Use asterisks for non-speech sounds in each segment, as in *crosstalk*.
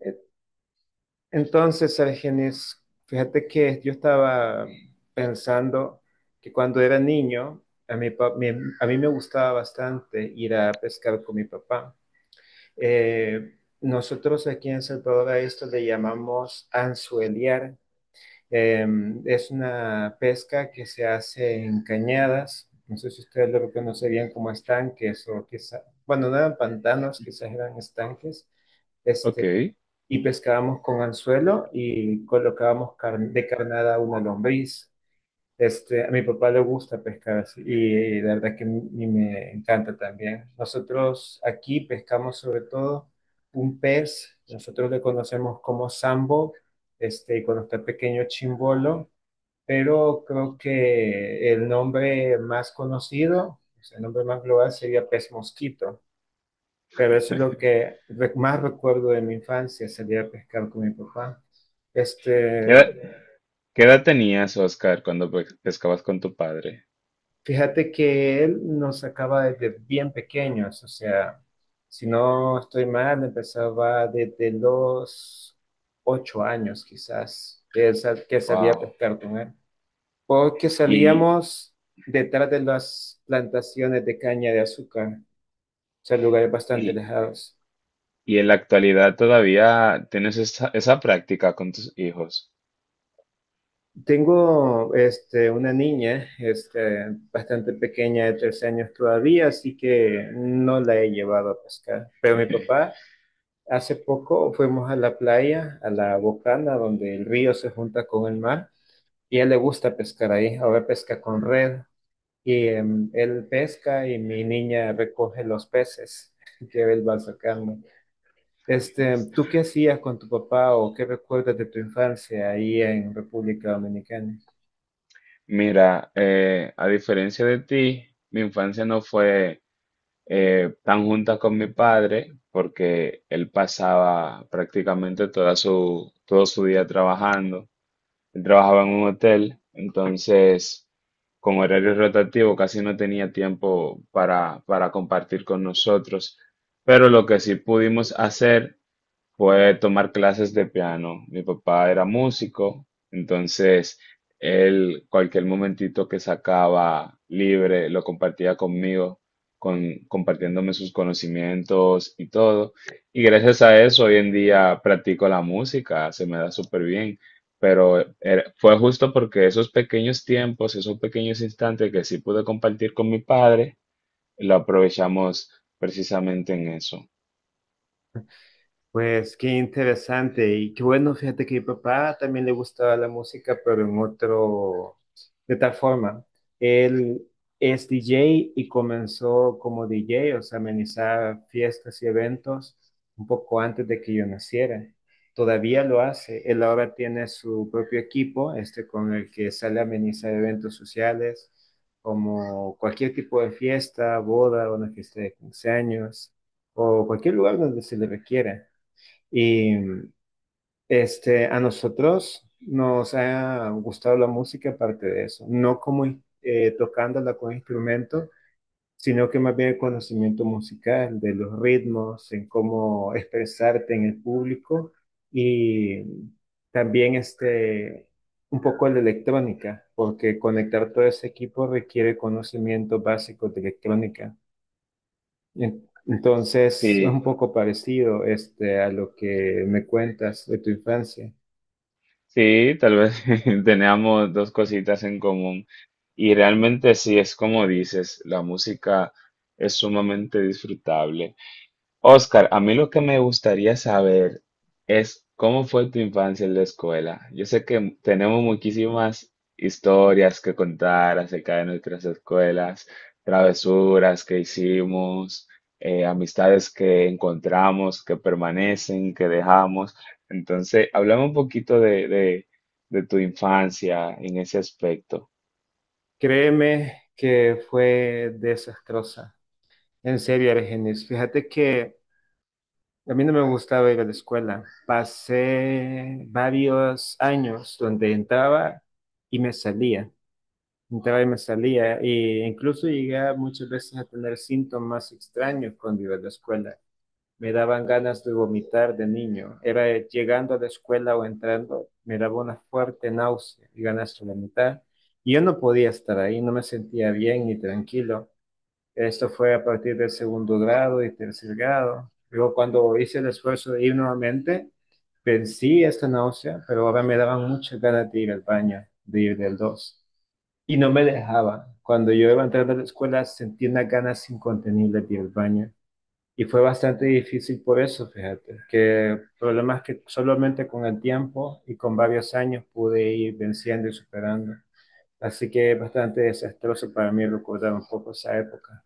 Eh, Entonces, Argenis, fíjate que yo estaba pensando que cuando era niño, a mi pa- mi- a mí me gustaba bastante ir a pescar con mi papá. Nosotros aquí en Salvador a esto le llamamos anzueliar. Eh, es una pesca que se hace en cañadas. No sé si ustedes lo conocerían como estanques o quizá, bueno, no eran pantanos, quizás eran estanques. Este, Ok. y pescábamos con anzuelo y colocábamos carne, de carnada una lombriz. A mi papá le gusta pescar así y la verdad que a mí me encanta también. Nosotros aquí pescamos sobre todo un pez, nosotros le conocemos como sambo, y cuando está pequeño chimbolo, pero creo que el nombre más conocido, o sea, el nombre más global sería pez mosquito. Pero eso es lo *laughs* que más recuerdo de mi infancia, salir a pescar con mi papá. ¿Qué Este, edad, qué edad tenías, Oscar, cuando pescabas con tu padre? fíjate que él nos sacaba desde bien pequeños, o sea, si no estoy mal, empezaba desde los 8 años quizás, que, que salía a Wow. pescar con él. Porque Y, salíamos detrás de las plantaciones de caña de azúcar, o sea, lugares bastante y, alejados. y en la actualidad todavía tienes esa, esa práctica con tus hijos. Tengo una niña bastante pequeña de 13 años todavía, así que no la he llevado a pescar. Pero mi papá, hace poco fuimos a la playa, a la Bocana, donde el río se junta con el mar, y a él le gusta pescar ahí. Ahora pesca con red, y él pesca y mi niña recoge los peces *laughs* que él va sacando. ¿Tú qué *laughs* hacías con tu papá o qué recuerdas de tu infancia ahí en República Dominicana? Mira, a diferencia de ti, mi infancia no fue tan junta con mi padre porque él pasaba prácticamente toda su, todo su día trabajando. Él trabajaba en un hotel, entonces con horario rotativo casi no tenía tiempo para compartir con nosotros. Pero lo que sí pudimos hacer fue tomar clases de piano. Mi papá era músico, entonces él cualquier momentito que sacaba libre lo compartía conmigo, con, compartiéndome sus conocimientos y todo. Y gracias a eso hoy en día practico la música, se me da súper bien. Pero fue justo porque esos pequeños tiempos, esos pequeños instantes que sí pude compartir con mi padre, lo aprovechamos precisamente en eso. Pues qué interesante y qué bueno, fíjate que mi papá también le gustaba la música, pero en otro, de tal forma, él es DJ y comenzó como DJ, o sea, amenizar fiestas y eventos un poco antes de que yo naciera. Todavía lo hace, él ahora tiene su propio equipo, con el que sale a amenizar eventos sociales, como cualquier tipo de fiesta, boda, una fiesta de 15 años o cualquier lugar donde se le requiera. Y a nosotros nos ha gustado la música aparte de eso, no como tocándola con instrumentos, sino que más bien el conocimiento musical, de los ritmos, en cómo expresarte en el público y también un poco de electrónica, porque conectar todo ese equipo requiere conocimientos básicos de electrónica. Entonces, es Sí, un poco parecido a lo que me cuentas de tu infancia. sí, tal vez *laughs* teníamos dos cositas en común. Y realmente sí, es como dices, la música es sumamente disfrutable. Oscar, a mí lo que me gustaría saber es cómo fue tu infancia en la escuela. Yo sé que tenemos muchísimas historias que contar acerca de nuestras escuelas, travesuras que hicimos, amistades que encontramos, que permanecen, que dejamos. Entonces, hablame un poquito de tu infancia en ese aspecto. Créeme que fue desastrosa. En serio, Argenis, fíjate que a mí no me gustaba ir a la escuela. Pasé varios años donde entraba y me salía. Entraba y me salía. E incluso llegué muchas veces a tener síntomas extraños cuando iba a la escuela. Me daban ganas de vomitar de niño. Era llegando a la escuela o entrando, me daba una fuerte náusea y ganas de vomitar. Y yo no podía estar ahí, no me sentía bien ni tranquilo. Esto fue a partir del segundo grado y tercer grado. Luego, cuando hice el esfuerzo de ir nuevamente, vencí esta náusea, pero ahora me daban muchas ganas de ir al baño, de ir del dos. Y no me dejaba. Cuando yo iba entrando a la escuela, sentía unas ganas incontenibles de ir al baño. Y fue bastante difícil por eso, fíjate, que problemas que solamente con el tiempo y con varios años pude ir venciendo y superando. Así que es bastante desastroso para mí recordar un poco esa época.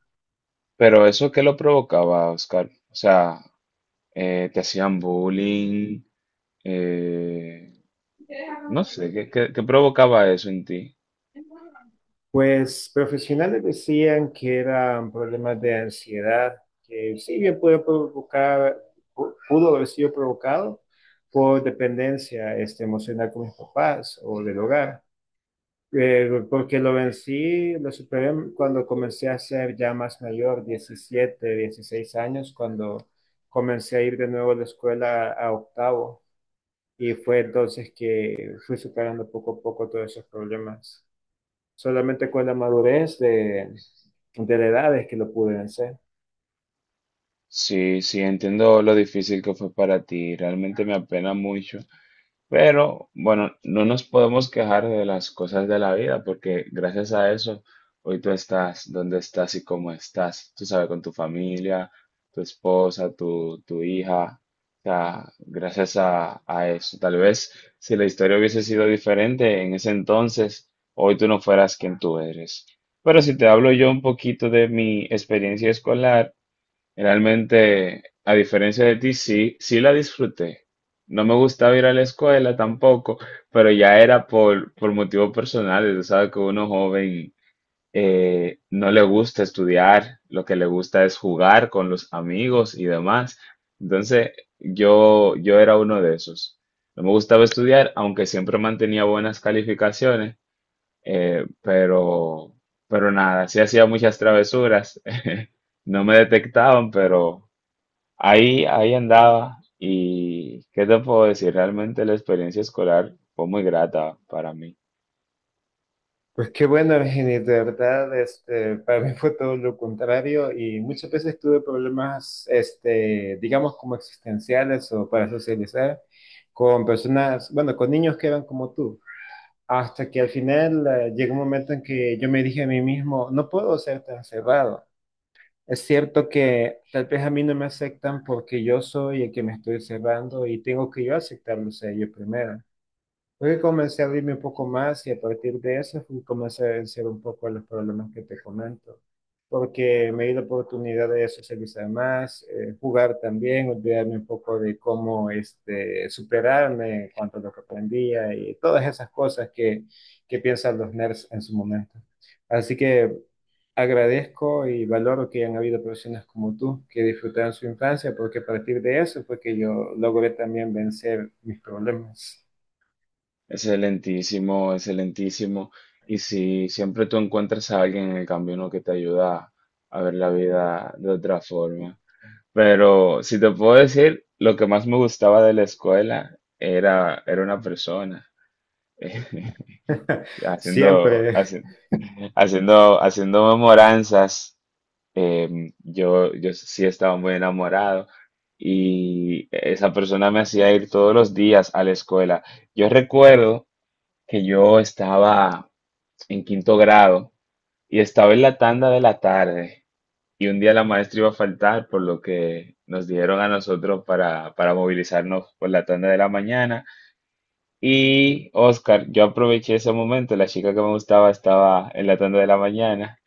Pero eso, ¿qué lo provocaba, Oscar? O sea, ¿te hacían bullying? Eh, No sé, ¿qué, qué provocaba eso en ti? Pues profesionales decían que eran problemas de ansiedad, que sí bien pudo provocar, pudo haber sido provocado por dependencia emocional con mis papás o del hogar. Porque lo vencí, lo superé cuando comencé a ser ya más mayor, 17, 16 años, cuando comencé a ir de nuevo a la escuela a octavo. Y fue entonces que fui superando poco a poco todos esos problemas. Solamente con la madurez de la edad es que lo pude vencer. Sí, sí, entiendo lo difícil que fue para ti, realmente me apena mucho. Pero bueno, no nos podemos quejar de las cosas de la vida porque gracias a eso hoy tú estás donde estás y cómo estás. Tú sabes, con tu familia, tu esposa, tu hija. O sea, gracias a eso. Tal vez si la historia hubiese sido diferente en ese entonces, hoy tú no fueras quien tú eres. Pero si te hablo yo un poquito de mi experiencia escolar, realmente, a diferencia de ti, sí, sí la disfruté. No me gustaba ir a la escuela tampoco, pero ya era por motivos personales. Tú sabes que uno joven no le gusta estudiar, lo que le gusta es jugar con los amigos y demás. Entonces, yo era uno de esos. No me gustaba estudiar, aunque siempre mantenía buenas calificaciones, eh, pero, pero nada, sí hacía muchas travesuras. *laughs* No me detectaban, pero ahí, ahí andaba y qué te puedo decir, realmente la experiencia escolar fue muy grata para mí. Pues qué bueno, Virginia, de verdad, para mí fue todo lo contrario y muchas veces tuve problemas, digamos, como existenciales o para socializar con personas, bueno, con niños que eran como tú, hasta que al final llegó un momento en que yo me dije a mí mismo, no puedo ser tan cerrado. Es cierto que tal vez a mí no me aceptan porque yo soy el que me estoy cerrando y tengo que yo aceptarlos a ellos primero. Porque comencé a abrirme un poco más y a partir de eso fui, comencé a vencer un poco los problemas que te comento. Porque me di la oportunidad de socializar más, jugar también, olvidarme un poco de cómo superarme en cuanto a lo que aprendía y todas esas cosas que piensan los nerds en su momento. Así que agradezco y valoro que hayan habido personas como tú que disfrutaron su infancia, porque a partir de eso fue que yo logré también vencer mis problemas. Excelentísimo, excelentísimo. Y si siempre tú encuentras a alguien en el camino que te ayuda a ver la vida de otra forma. Pero si te puedo decir, lo que más me gustaba de la escuela era, era una persona. *laughs* *laughs* Haciendo, Siempre, haci- Haciendo, haciendo memoranzas, yo sí estaba muy enamorado y esa persona me hacía ir todos los días a la escuela. Yo recuerdo que yo estaba en quinto grado y estaba en la tanda de la tarde y un día la maestra iba a faltar, por lo que nos dieron a nosotros para movilizarnos por la tanda de la mañana y Oscar, yo aproveché ese momento, la chica que me gustaba estaba en la tanda de la mañana,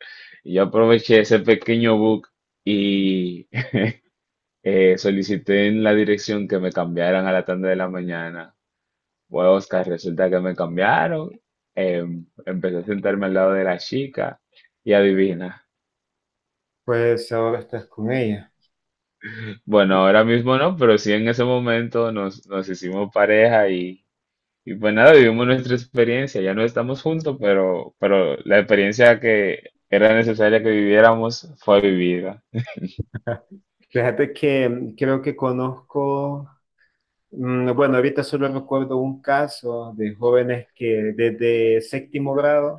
y yo aproveché ese pequeño bug y solicité en la dirección que me cambiaran a la tanda de la mañana. Bueno, Oscar, resulta que me cambiaron, empecé a sentarme al lado de la chica y adivina. pues ahora estás con ella. Bueno, *laughs* ahora mismo no, pero sí en ese momento nos hicimos pareja y... Y pues nada, vivimos nuestra experiencia, ya no estamos juntos, pero la experiencia que era necesaria que viviéramos fue vivida. Fíjate que creo que conozco, bueno, ahorita solo recuerdo un caso de jóvenes que desde séptimo grado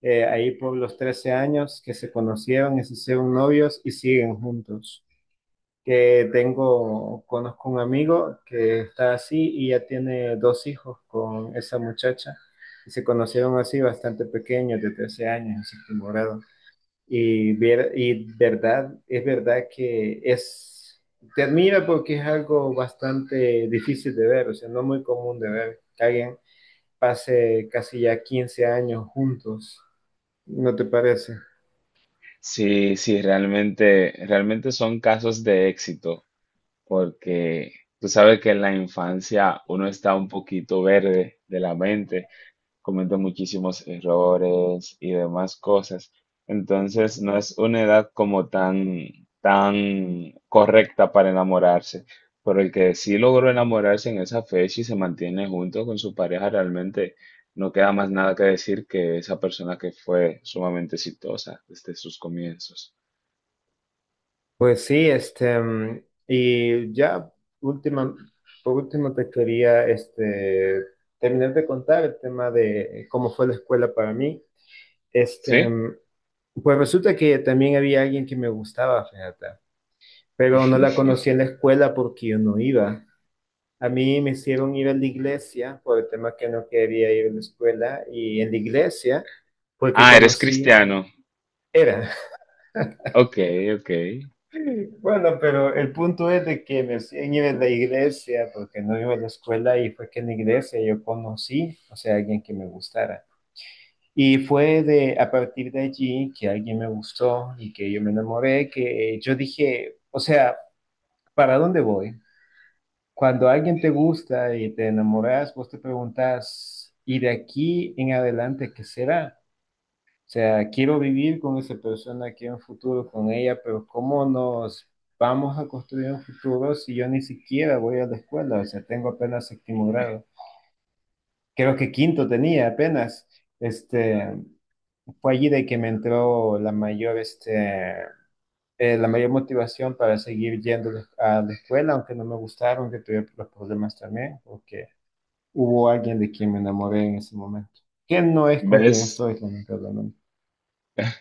ahí por los 13 años que se conocieron y se hicieron novios y siguen juntos. Que tengo, conozco un amigo que está así y ya tiene dos hijos con esa muchacha. Y se conocieron así bastante pequeños, de 13 años, en séptimo grado. Y, y verdad, es verdad que es, te admira porque es algo bastante difícil de ver, o sea, no muy común de ver que alguien pase casi ya 15 años juntos, ¿no te parece? Sí, sí, realmente, realmente son casos de éxito, porque tú sabes que en la infancia uno está un poquito verde de la mente. Comete muchísimos errores y demás cosas. Entonces, no es una edad como tan, tan correcta para enamorarse. Pero el que sí logró enamorarse en esa fecha y se mantiene junto con su pareja, realmente no queda más nada que decir que esa persona que fue sumamente exitosa desde sus comienzos. Pues sí, y ya última, por último te quería terminar de contar el tema de cómo fue la escuela para mí. Este, ¿Sí? mm, pues resulta que también había alguien que me gustaba, fíjate, pero no la *laughs* conocí en la escuela porque yo no iba. A mí me hicieron ir a la iglesia por el tema que no quería ir a la escuela y en la iglesia fue que Ah, eres conocí, cristiano. era. Ok, ok. Bueno, pero el punto es de que me siguen ir en la iglesia, porque no iba a la escuela y fue que en la iglesia yo conocí, o sea, alguien que me gustara. Y fue de, a partir de allí que alguien me gustó y que yo me enamoré, que yo dije, o sea, ¿para dónde voy? Cuando alguien te gusta y te enamoras, vos te preguntas, ¿y de aquí en adelante qué será? O sea, quiero vivir con esa persona, quiero un futuro con ella, pero ¿cómo nos vamos a construir un futuro si yo ni siquiera voy a la escuela? O sea, tengo apenas séptimo grado. Creo que quinto tenía apenas. Este, fue allí de que me entró la mayor, la mayor motivación para seguir yendo a la escuela, aunque no me gustaron, que tuve los problemas también, porque hubo alguien de quien me enamoré en ese momento, que no es con quien ¿Ves? estoy, lamentablemente.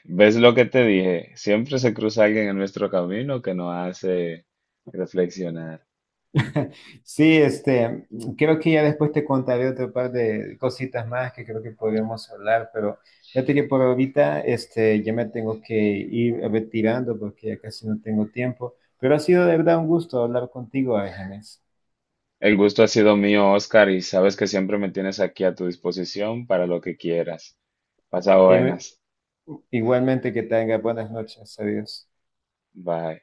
¿Ves lo que te dije? Siempre se cruza alguien en nuestro camino que nos hace reflexionar. Sí, creo que ya después te contaré otro par de cositas más que creo que podríamos hablar, pero fíjate que por ahorita, ya me tengo que ir retirando porque ya casi no tengo tiempo, pero ha sido de verdad un gusto hablar contigo, Ángeles. El gusto ha sido mío, Oscar, y sabes que siempre me tienes aquí a tu disposición para lo que quieras. Pasa Eh, buenas. igualmente que tengas buenas noches, adiós. Bye.